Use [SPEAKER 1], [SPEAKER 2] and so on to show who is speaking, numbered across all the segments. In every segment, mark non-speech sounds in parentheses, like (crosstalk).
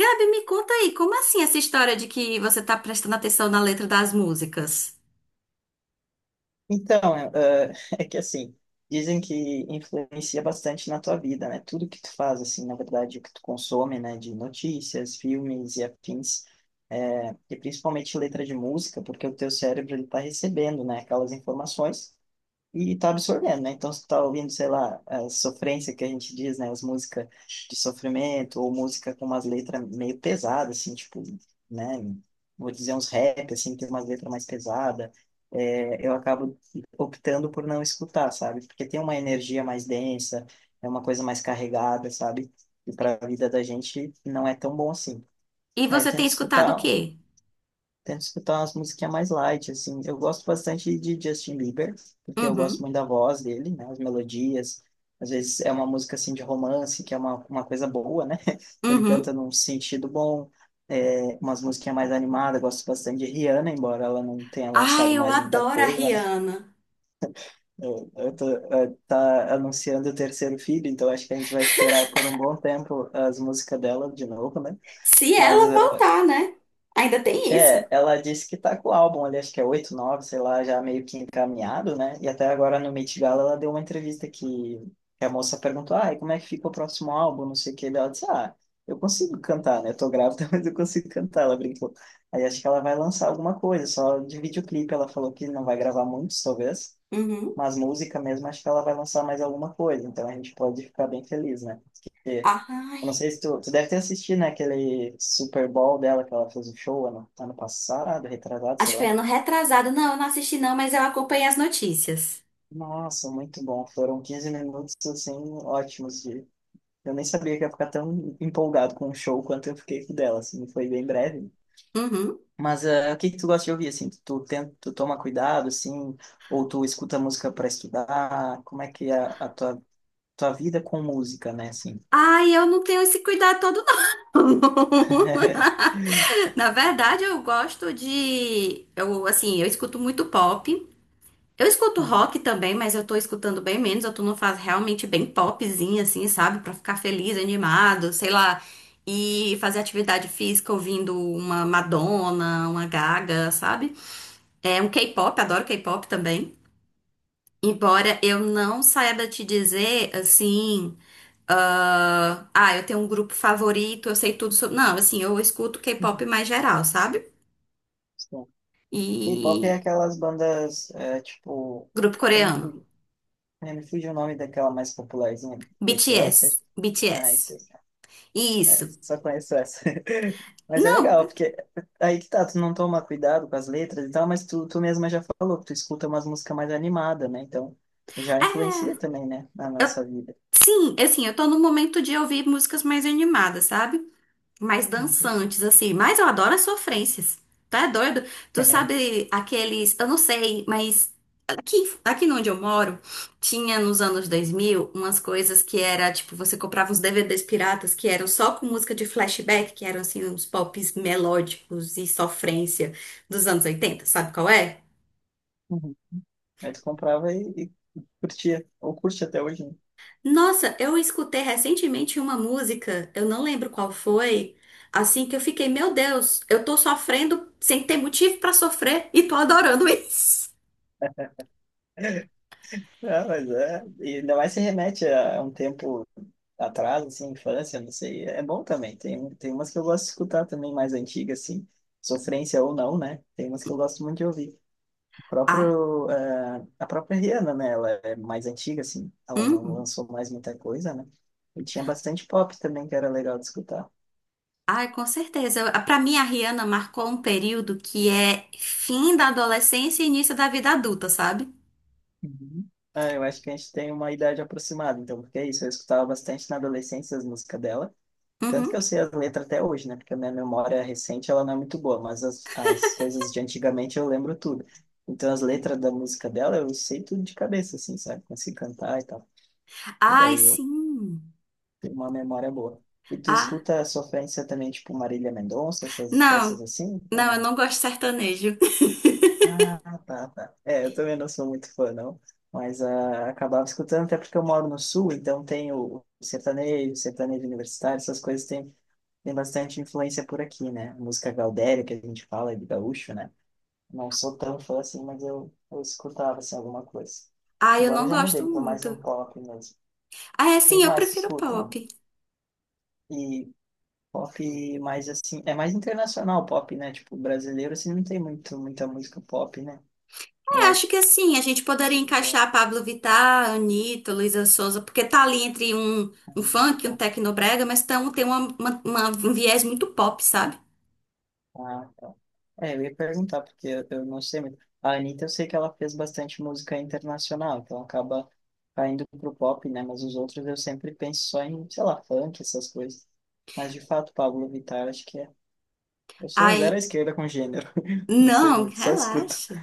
[SPEAKER 1] Gabi, me conta aí, como assim essa história de que você tá prestando atenção na letra das músicas?
[SPEAKER 2] Então, (laughs) é que assim, dizem que influencia bastante na tua vida, né? Tudo que tu faz, assim, na verdade, o que tu consome, né? De notícias, filmes e afins, e principalmente letra de música, porque o teu cérebro, ele tá recebendo, né? Aquelas informações e tá absorvendo, né? Então, se tá ouvindo, sei lá, a sofrência que a gente diz, né? As músicas de sofrimento, ou música com umas letras meio pesadas, assim, tipo, né? Vou dizer uns rap, assim, que tem umas letras mais pesadas. É, eu acabo optando por não escutar, sabe? Porque tem uma energia mais densa, é uma coisa mais carregada, sabe? E para a vida da gente não é tão bom assim.
[SPEAKER 1] E
[SPEAKER 2] Aí eu
[SPEAKER 1] você tem
[SPEAKER 2] tento
[SPEAKER 1] escutado o
[SPEAKER 2] escutar
[SPEAKER 1] quê?
[SPEAKER 2] Tento escutar umas musiquinhas mais light, assim. Eu gosto bastante de Justin Bieber, porque eu gosto
[SPEAKER 1] Uhum.
[SPEAKER 2] muito da voz dele, né? As melodias. Às vezes é uma música, assim, de romance, que é uma coisa boa, né? (laughs) Que ele
[SPEAKER 1] Uhum.
[SPEAKER 2] canta num sentido bom. É, umas musiquinhas mais animadas. Eu gosto bastante de Rihanna, embora ela não tenha
[SPEAKER 1] Ai,
[SPEAKER 2] lançado
[SPEAKER 1] eu
[SPEAKER 2] mais muita
[SPEAKER 1] adoro a
[SPEAKER 2] coisa, né?
[SPEAKER 1] Rihanna.
[SPEAKER 2] Tá anunciando o terceiro filho, então acho que a gente vai esperar por um bom tempo as músicas dela de novo, né?
[SPEAKER 1] Se
[SPEAKER 2] Mas
[SPEAKER 1] ela voltar, né? Ainda tem isso.
[SPEAKER 2] é, ela disse que tá com o álbum ali, acho que é 8 9, sei lá, já meio que encaminhado, né? E até agora no Met Gala ela deu uma entrevista que a moça perguntou, ah, e como é que fica o próximo álbum, não sei o que, daí ela disse, ah, eu consigo cantar, né? Eu tô grávida, (laughs) mas eu consigo cantar, ela brincou. Aí acho que ela vai lançar alguma coisa, só de videoclipe ela falou que não vai gravar muitos, talvez,
[SPEAKER 1] Uhum.
[SPEAKER 2] mas música mesmo acho que ela vai lançar mais alguma coisa, então a gente pode ficar bem feliz, né? Porque eu
[SPEAKER 1] Ai,
[SPEAKER 2] não sei se tu deve ter assistido, né, aquele Super Bowl dela que ela fez o show ano passado, retrasado,
[SPEAKER 1] acho
[SPEAKER 2] sei
[SPEAKER 1] que foi
[SPEAKER 2] lá.
[SPEAKER 1] ano retrasado. Não, eu não assisti não, mas eu acompanhei as notícias.
[SPEAKER 2] Nossa, muito bom. Foram 15 minutos, assim, ótimos de. Eu nem sabia que ia ficar tão empolgado com o show quanto eu fiquei com o dela, assim, foi bem breve.
[SPEAKER 1] Uhum.
[SPEAKER 2] Mas o que que tu gosta de ouvir, assim? Tu toma cuidado, assim, ou tu escuta música para estudar? Como é que é a tua vida com música, né, assim?
[SPEAKER 1] Ai, eu não tenho esse cuidado todo, não.
[SPEAKER 2] (laughs)
[SPEAKER 1] (laughs) Na verdade, eu gosto de... Eu, assim, eu escuto muito pop. Eu escuto
[SPEAKER 2] Uhum.
[SPEAKER 1] rock também, mas eu tô escutando bem menos. Eu tô numa fase realmente bem popzinha, assim, sabe? Pra ficar feliz, animado, sei lá. E fazer atividade física ouvindo uma Madonna, uma Gaga, sabe? É um K-pop, adoro K-pop também. Embora eu não saiba te dizer, assim. Eu tenho um grupo favorito, eu sei tudo sobre. Não, assim, eu escuto K-pop mais geral, sabe? E.
[SPEAKER 2] K-pop é aquelas bandas, tipo,
[SPEAKER 1] Grupo
[SPEAKER 2] até me
[SPEAKER 1] coreano.
[SPEAKER 2] fugiu, né, me fugiu o nome daquela mais popularzinha, BTS?
[SPEAKER 1] BTS.
[SPEAKER 2] Ah,
[SPEAKER 1] BTS.
[SPEAKER 2] isso, é,
[SPEAKER 1] Isso.
[SPEAKER 2] só conheço essa. (laughs) Mas é
[SPEAKER 1] Não.
[SPEAKER 2] legal, porque aí que tá, tu não toma cuidado com as letras e tal, mas tu mesma já falou que tu escuta umas músicas mais animadas, né? Então, já
[SPEAKER 1] É.
[SPEAKER 2] influencia também, né, na
[SPEAKER 1] Eu-
[SPEAKER 2] nossa vida.
[SPEAKER 1] sim, assim, eu tô no momento de ouvir músicas mais animadas, sabe? Mais
[SPEAKER 2] Uhum. (laughs)
[SPEAKER 1] dançantes, assim. Mas eu adoro as sofrências. Tá é doido? Tu
[SPEAKER 2] É.
[SPEAKER 1] sabe aqueles. Eu não sei, mas aqui, aqui onde eu moro, tinha nos anos 2000 umas coisas que era tipo: você comprava uns DVDs piratas que eram só com música de flashback, que eram assim, uns pops melódicos e sofrência dos anos 80. Sabe qual é?
[SPEAKER 2] Uhum. Aí tu comprava e curtia, ou curte até hoje, né?
[SPEAKER 1] Nossa, eu escutei recentemente uma música, eu não lembro qual foi, assim que eu fiquei, meu Deus, eu tô sofrendo sem ter motivo pra sofrer e tô adorando (laughs) isso.
[SPEAKER 2] Ah, mas é, e ainda mais se remete a um tempo atrás, assim, infância, não sei, é bom também. Tem umas que eu gosto de escutar também, mais antigas, assim, sofrência ou não, né? Tem umas que eu gosto muito de ouvir.
[SPEAKER 1] Ah,
[SPEAKER 2] A própria Rihanna, né? Ela é mais antiga, assim, ela não
[SPEAKER 1] uhum.
[SPEAKER 2] lançou mais muita coisa, né? E tinha bastante pop também, que era legal de escutar.
[SPEAKER 1] Ai, com certeza. Pra mim, a Rihanna marcou um período que é fim da adolescência e início da vida adulta, sabe?
[SPEAKER 2] Uhum. Ah, eu acho que a gente tem uma idade aproximada, então, porque é isso, eu escutava bastante na adolescência as músicas dela. Tanto que eu
[SPEAKER 1] Uhum.
[SPEAKER 2] sei as letras até hoje, né? Porque a minha memória recente ela não é muito boa, mas as coisas de antigamente eu lembro tudo. Então as letras da música dela eu sei tudo de cabeça, assim, sabe? Consigo cantar e tal. E
[SPEAKER 1] Ai,
[SPEAKER 2] daí eu
[SPEAKER 1] sim.
[SPEAKER 2] tenho uma memória boa. E tu
[SPEAKER 1] Ah,
[SPEAKER 2] escuta a sofrência também, tipo Marília Mendonça, essas
[SPEAKER 1] não,
[SPEAKER 2] assim, ou
[SPEAKER 1] não, eu
[SPEAKER 2] não?
[SPEAKER 1] não gosto de sertanejo. (laughs)
[SPEAKER 2] Ah, tá, tá. É, eu também não sou muito fã, não. Mas ah, acabava escutando, até porque eu moro no sul, então tem o sertanejo, sertanejo universitário, essas coisas têm tem bastante influência por aqui, né? Música gaudéria, que a gente fala, de gaúcho, né? Não sou tão fã assim, mas eu escutava, assim, alguma coisa.
[SPEAKER 1] Ai, eu
[SPEAKER 2] Agora eu
[SPEAKER 1] não
[SPEAKER 2] já
[SPEAKER 1] gosto
[SPEAKER 2] mudei, tô mais
[SPEAKER 1] muito.
[SPEAKER 2] no pop mesmo.
[SPEAKER 1] Ah, é, sim,
[SPEAKER 2] Quem
[SPEAKER 1] eu
[SPEAKER 2] mais tu
[SPEAKER 1] prefiro
[SPEAKER 2] escuta?
[SPEAKER 1] pop.
[SPEAKER 2] E pop mais, assim, é mais internacional pop, né? Tipo, brasileiro, assim, não tem muita música pop, né? Eu
[SPEAKER 1] É, acho
[SPEAKER 2] acho.
[SPEAKER 1] que assim, a gente poderia
[SPEAKER 2] Sim, já.
[SPEAKER 1] encaixar Pablo Vittar, Anitta, Luísa Sonza, porque tá ali entre um, um funk, um
[SPEAKER 2] Então.
[SPEAKER 1] tecnobrega, mas tão, tem um viés muito pop, sabe?
[SPEAKER 2] Ah, tá. É, eu ia perguntar, porque eu não sei muito. A Anitta, eu sei que ela fez bastante música internacional, então acaba caindo pro pop, né? Mas os outros eu sempre penso só em, sei lá, funk, essas coisas. Mas de fato, Pablo Vittar, acho que é. Eu sou um zero à
[SPEAKER 1] Aí,
[SPEAKER 2] esquerda com gênero. (laughs) Não sei
[SPEAKER 1] não,
[SPEAKER 2] muito, só escuto.
[SPEAKER 1] relaxa.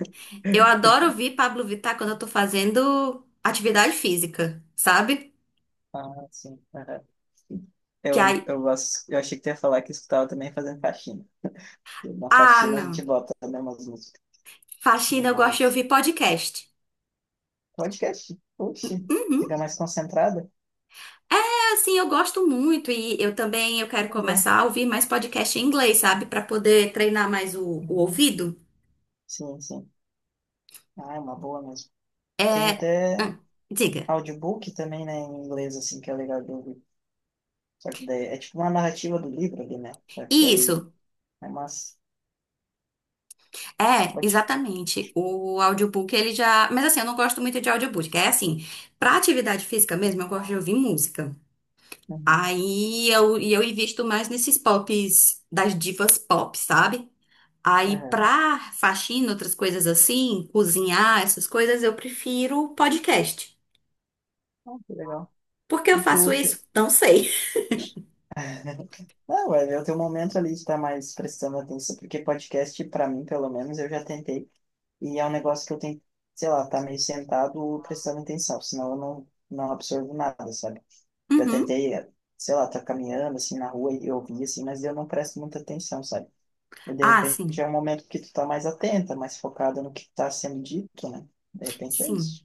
[SPEAKER 1] Eu
[SPEAKER 2] (laughs)
[SPEAKER 1] adoro ouvir Pablo Vittar quando eu tô fazendo atividade física, sabe?
[SPEAKER 2] Ah, sim, aham.
[SPEAKER 1] Que aí,
[SPEAKER 2] Eu achei que tu ia falar que escutava também fazendo faxina. Na
[SPEAKER 1] ah,
[SPEAKER 2] faxina a
[SPEAKER 1] não.
[SPEAKER 2] gente bota, também umas músicas
[SPEAKER 1] Faxina,
[SPEAKER 2] meio
[SPEAKER 1] eu gosto de
[SPEAKER 2] malucas.
[SPEAKER 1] ouvir podcast.
[SPEAKER 2] Podcast, oxe, fica
[SPEAKER 1] Uhum.
[SPEAKER 2] mais concentrada.
[SPEAKER 1] É, assim, eu gosto muito e eu também eu quero
[SPEAKER 2] Pois é.
[SPEAKER 1] começar a ouvir mais podcast em inglês, sabe? Pra poder treinar mais o
[SPEAKER 2] Uhum.
[SPEAKER 1] ouvido.
[SPEAKER 2] Sim, sim. Ah, é uma boa mesmo. Tem
[SPEAKER 1] É,
[SPEAKER 2] até
[SPEAKER 1] hum, diga.
[SPEAKER 2] audiobook também, né, em inglês, assim, que é legal de ouvir. Só que daí é tipo uma narrativa do livro ali, né? Só que daí
[SPEAKER 1] Isso,
[SPEAKER 2] é massa.
[SPEAKER 1] é,
[SPEAKER 2] Pode.
[SPEAKER 1] exatamente. O audiobook, ele já. Mas assim, eu não gosto muito de audiobook. É assim, pra atividade física mesmo, eu gosto de ouvir música.
[SPEAKER 2] Uhum.
[SPEAKER 1] Aí eu, e eu invisto mais nesses pops, das divas pop, sabe? Aí
[SPEAKER 2] Aham.
[SPEAKER 1] pra faxina, outras coisas assim, cozinhar, essas coisas, eu prefiro podcast.
[SPEAKER 2] Ah, que legal.
[SPEAKER 1] Por que eu
[SPEAKER 2] E tu.
[SPEAKER 1] faço isso? Não sei.
[SPEAKER 2] (laughs) Não, vai ver o teu momento ali de estar mais prestando atenção, porque podcast, pra mim, pelo menos, eu já tentei. E é um negócio que eu tenho, sei lá, tá meio sentado prestando atenção, senão eu não absorvo nada, sabe? Já
[SPEAKER 1] Uhum.
[SPEAKER 2] tentei, sei lá, tá caminhando assim na rua e ouvir assim, mas eu não presto muita atenção, sabe? E de
[SPEAKER 1] Ah,
[SPEAKER 2] repente
[SPEAKER 1] sim,
[SPEAKER 2] é um momento que tu tá mais atenta, mais focada no que tá sendo dito, né? De repente é
[SPEAKER 1] sim.
[SPEAKER 2] isso.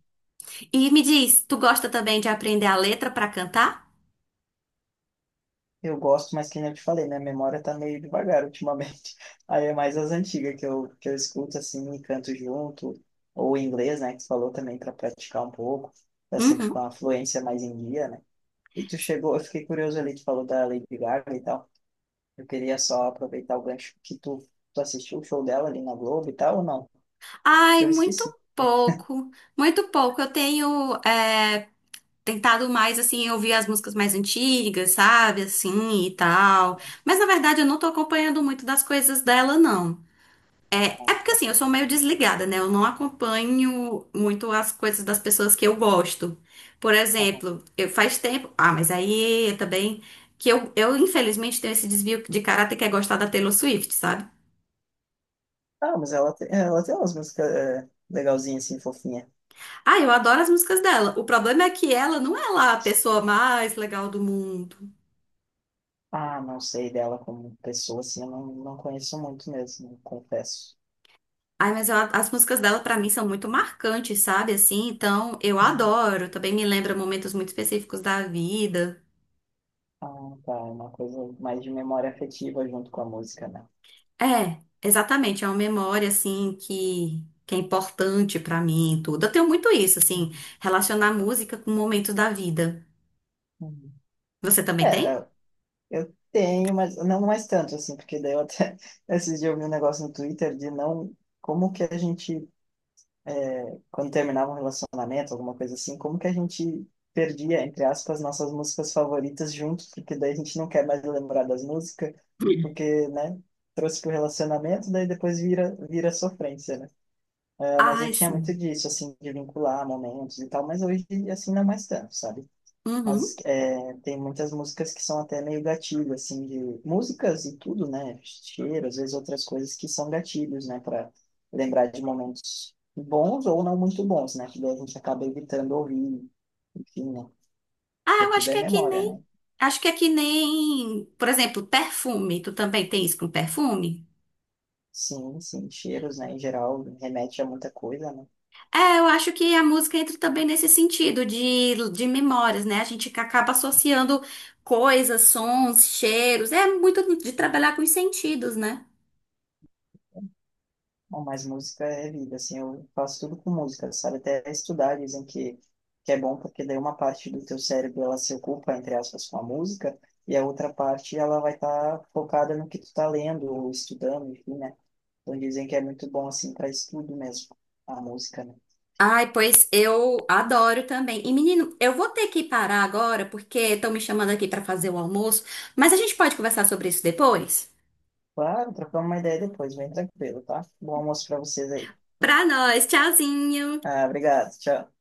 [SPEAKER 1] E me diz, tu gosta também de aprender a letra pra cantar?
[SPEAKER 2] Eu gosto, mas que nem eu te falei, minha memória tá meio devagar ultimamente. (laughs) Aí é mais as antigas que que eu escuto assim e canto junto, ou em inglês, né? Que tu falou também para praticar um pouco, tá sempre com
[SPEAKER 1] Uhum.
[SPEAKER 2] a fluência mais em dia, né? E tu chegou, eu fiquei curioso ali, tu falou da Lady Gaga e tal. Eu queria só aproveitar o gancho que tu assistiu o show dela ali na Globo e tal, ou não?
[SPEAKER 1] Ai,
[SPEAKER 2] Eu
[SPEAKER 1] muito
[SPEAKER 2] esqueci.
[SPEAKER 1] pouco, muito pouco. Eu tenho é, tentado mais, assim, ouvir as músicas mais antigas, sabe, assim e tal. Mas na verdade eu não tô acompanhando muito das coisas dela, não. É, é
[SPEAKER 2] Não.
[SPEAKER 1] porque assim, eu sou meio desligada, né? Eu não acompanho muito as coisas das pessoas que eu gosto. Por
[SPEAKER 2] Aham.
[SPEAKER 1] exemplo, eu faz tempo. Ah, mas aí também. Infelizmente, tenho esse desvio de caráter que é gostar da Taylor Swift, sabe?
[SPEAKER 2] Ah, mas ela tem umas músicas, legalzinhas, assim, fofinha.
[SPEAKER 1] Ah, eu adoro as músicas dela. O problema é que ela não é lá a pessoa mais legal do mundo.
[SPEAKER 2] Ah, não sei dela como pessoa, assim, eu não conheço muito mesmo, confesso.
[SPEAKER 1] Ai, mas as músicas dela pra mim são muito marcantes, sabe? Assim, então eu
[SPEAKER 2] Uhum.
[SPEAKER 1] adoro. Também me lembra momentos muito específicos da vida.
[SPEAKER 2] Ah, tá, é uma coisa mais de memória afetiva junto com a música, né?
[SPEAKER 1] É, exatamente. É uma memória assim que é importante pra mim, e tudo. Eu tenho muito isso, assim,
[SPEAKER 2] Uhum.
[SPEAKER 1] relacionar música com momentos da vida.
[SPEAKER 2] Uhum.
[SPEAKER 1] Você também
[SPEAKER 2] É,
[SPEAKER 1] tem?
[SPEAKER 2] eu tenho, mas não mais tanto, assim, porque daí eu até (laughs) esses dias eu vi um negócio no Twitter de não, como que a gente quando terminava um relacionamento, alguma coisa assim, como que a gente perdia, entre aspas, nossas músicas favoritas juntos, porque daí a gente não quer mais lembrar das músicas, porque, né, trouxe pro relacionamento, daí depois vira sofrência, né? É, mas eu
[SPEAKER 1] Ai,
[SPEAKER 2] tinha muito
[SPEAKER 1] sim.
[SPEAKER 2] disso, assim, de vincular momentos e tal, mas hoje, assim, não mais tanto, sabe?
[SPEAKER 1] Uhum.
[SPEAKER 2] Mas é, tem muitas músicas que são até meio gatilho, assim, de músicas e tudo, né? Cheiro, às vezes outras coisas que são gatilhos, né? Para lembrar de momentos bons ou não muito bons, né? Que daí a gente acaba evitando ouvir, enfim, né?
[SPEAKER 1] Ah,
[SPEAKER 2] Porque
[SPEAKER 1] eu
[SPEAKER 2] tudo
[SPEAKER 1] acho que
[SPEAKER 2] é
[SPEAKER 1] é que
[SPEAKER 2] memória,
[SPEAKER 1] nem.
[SPEAKER 2] né?
[SPEAKER 1] Acho que é que nem, por exemplo, perfume. Tu também tem isso com perfume?
[SPEAKER 2] Sim, sim, cheiros, né? Em geral, remete a muita coisa, né?
[SPEAKER 1] É, eu acho que a música entra também nesse sentido de memórias, né? A gente acaba associando coisas, sons, cheiros. É muito de trabalhar com os sentidos, né?
[SPEAKER 2] Bom, mas música é vida, assim, eu faço tudo com música, sabe? Até estudar dizem que é bom porque daí uma parte do teu cérebro ela se ocupa, entre aspas, com a música e a outra parte ela vai estar focada no que tu tá lendo ou estudando, enfim, né? Então dizem que é muito bom, assim, para estudo mesmo, a música, né?
[SPEAKER 1] Ai, pois eu adoro também. E menino, eu vou ter que parar agora porque estão me chamando aqui para fazer o almoço, mas a gente pode conversar sobre isso depois?
[SPEAKER 2] Claro, trocamos uma ideia depois, bem tranquilo, tá? Bom almoço para vocês aí.
[SPEAKER 1] Pra nós, tchauzinho!
[SPEAKER 2] Ah, obrigado, tchau.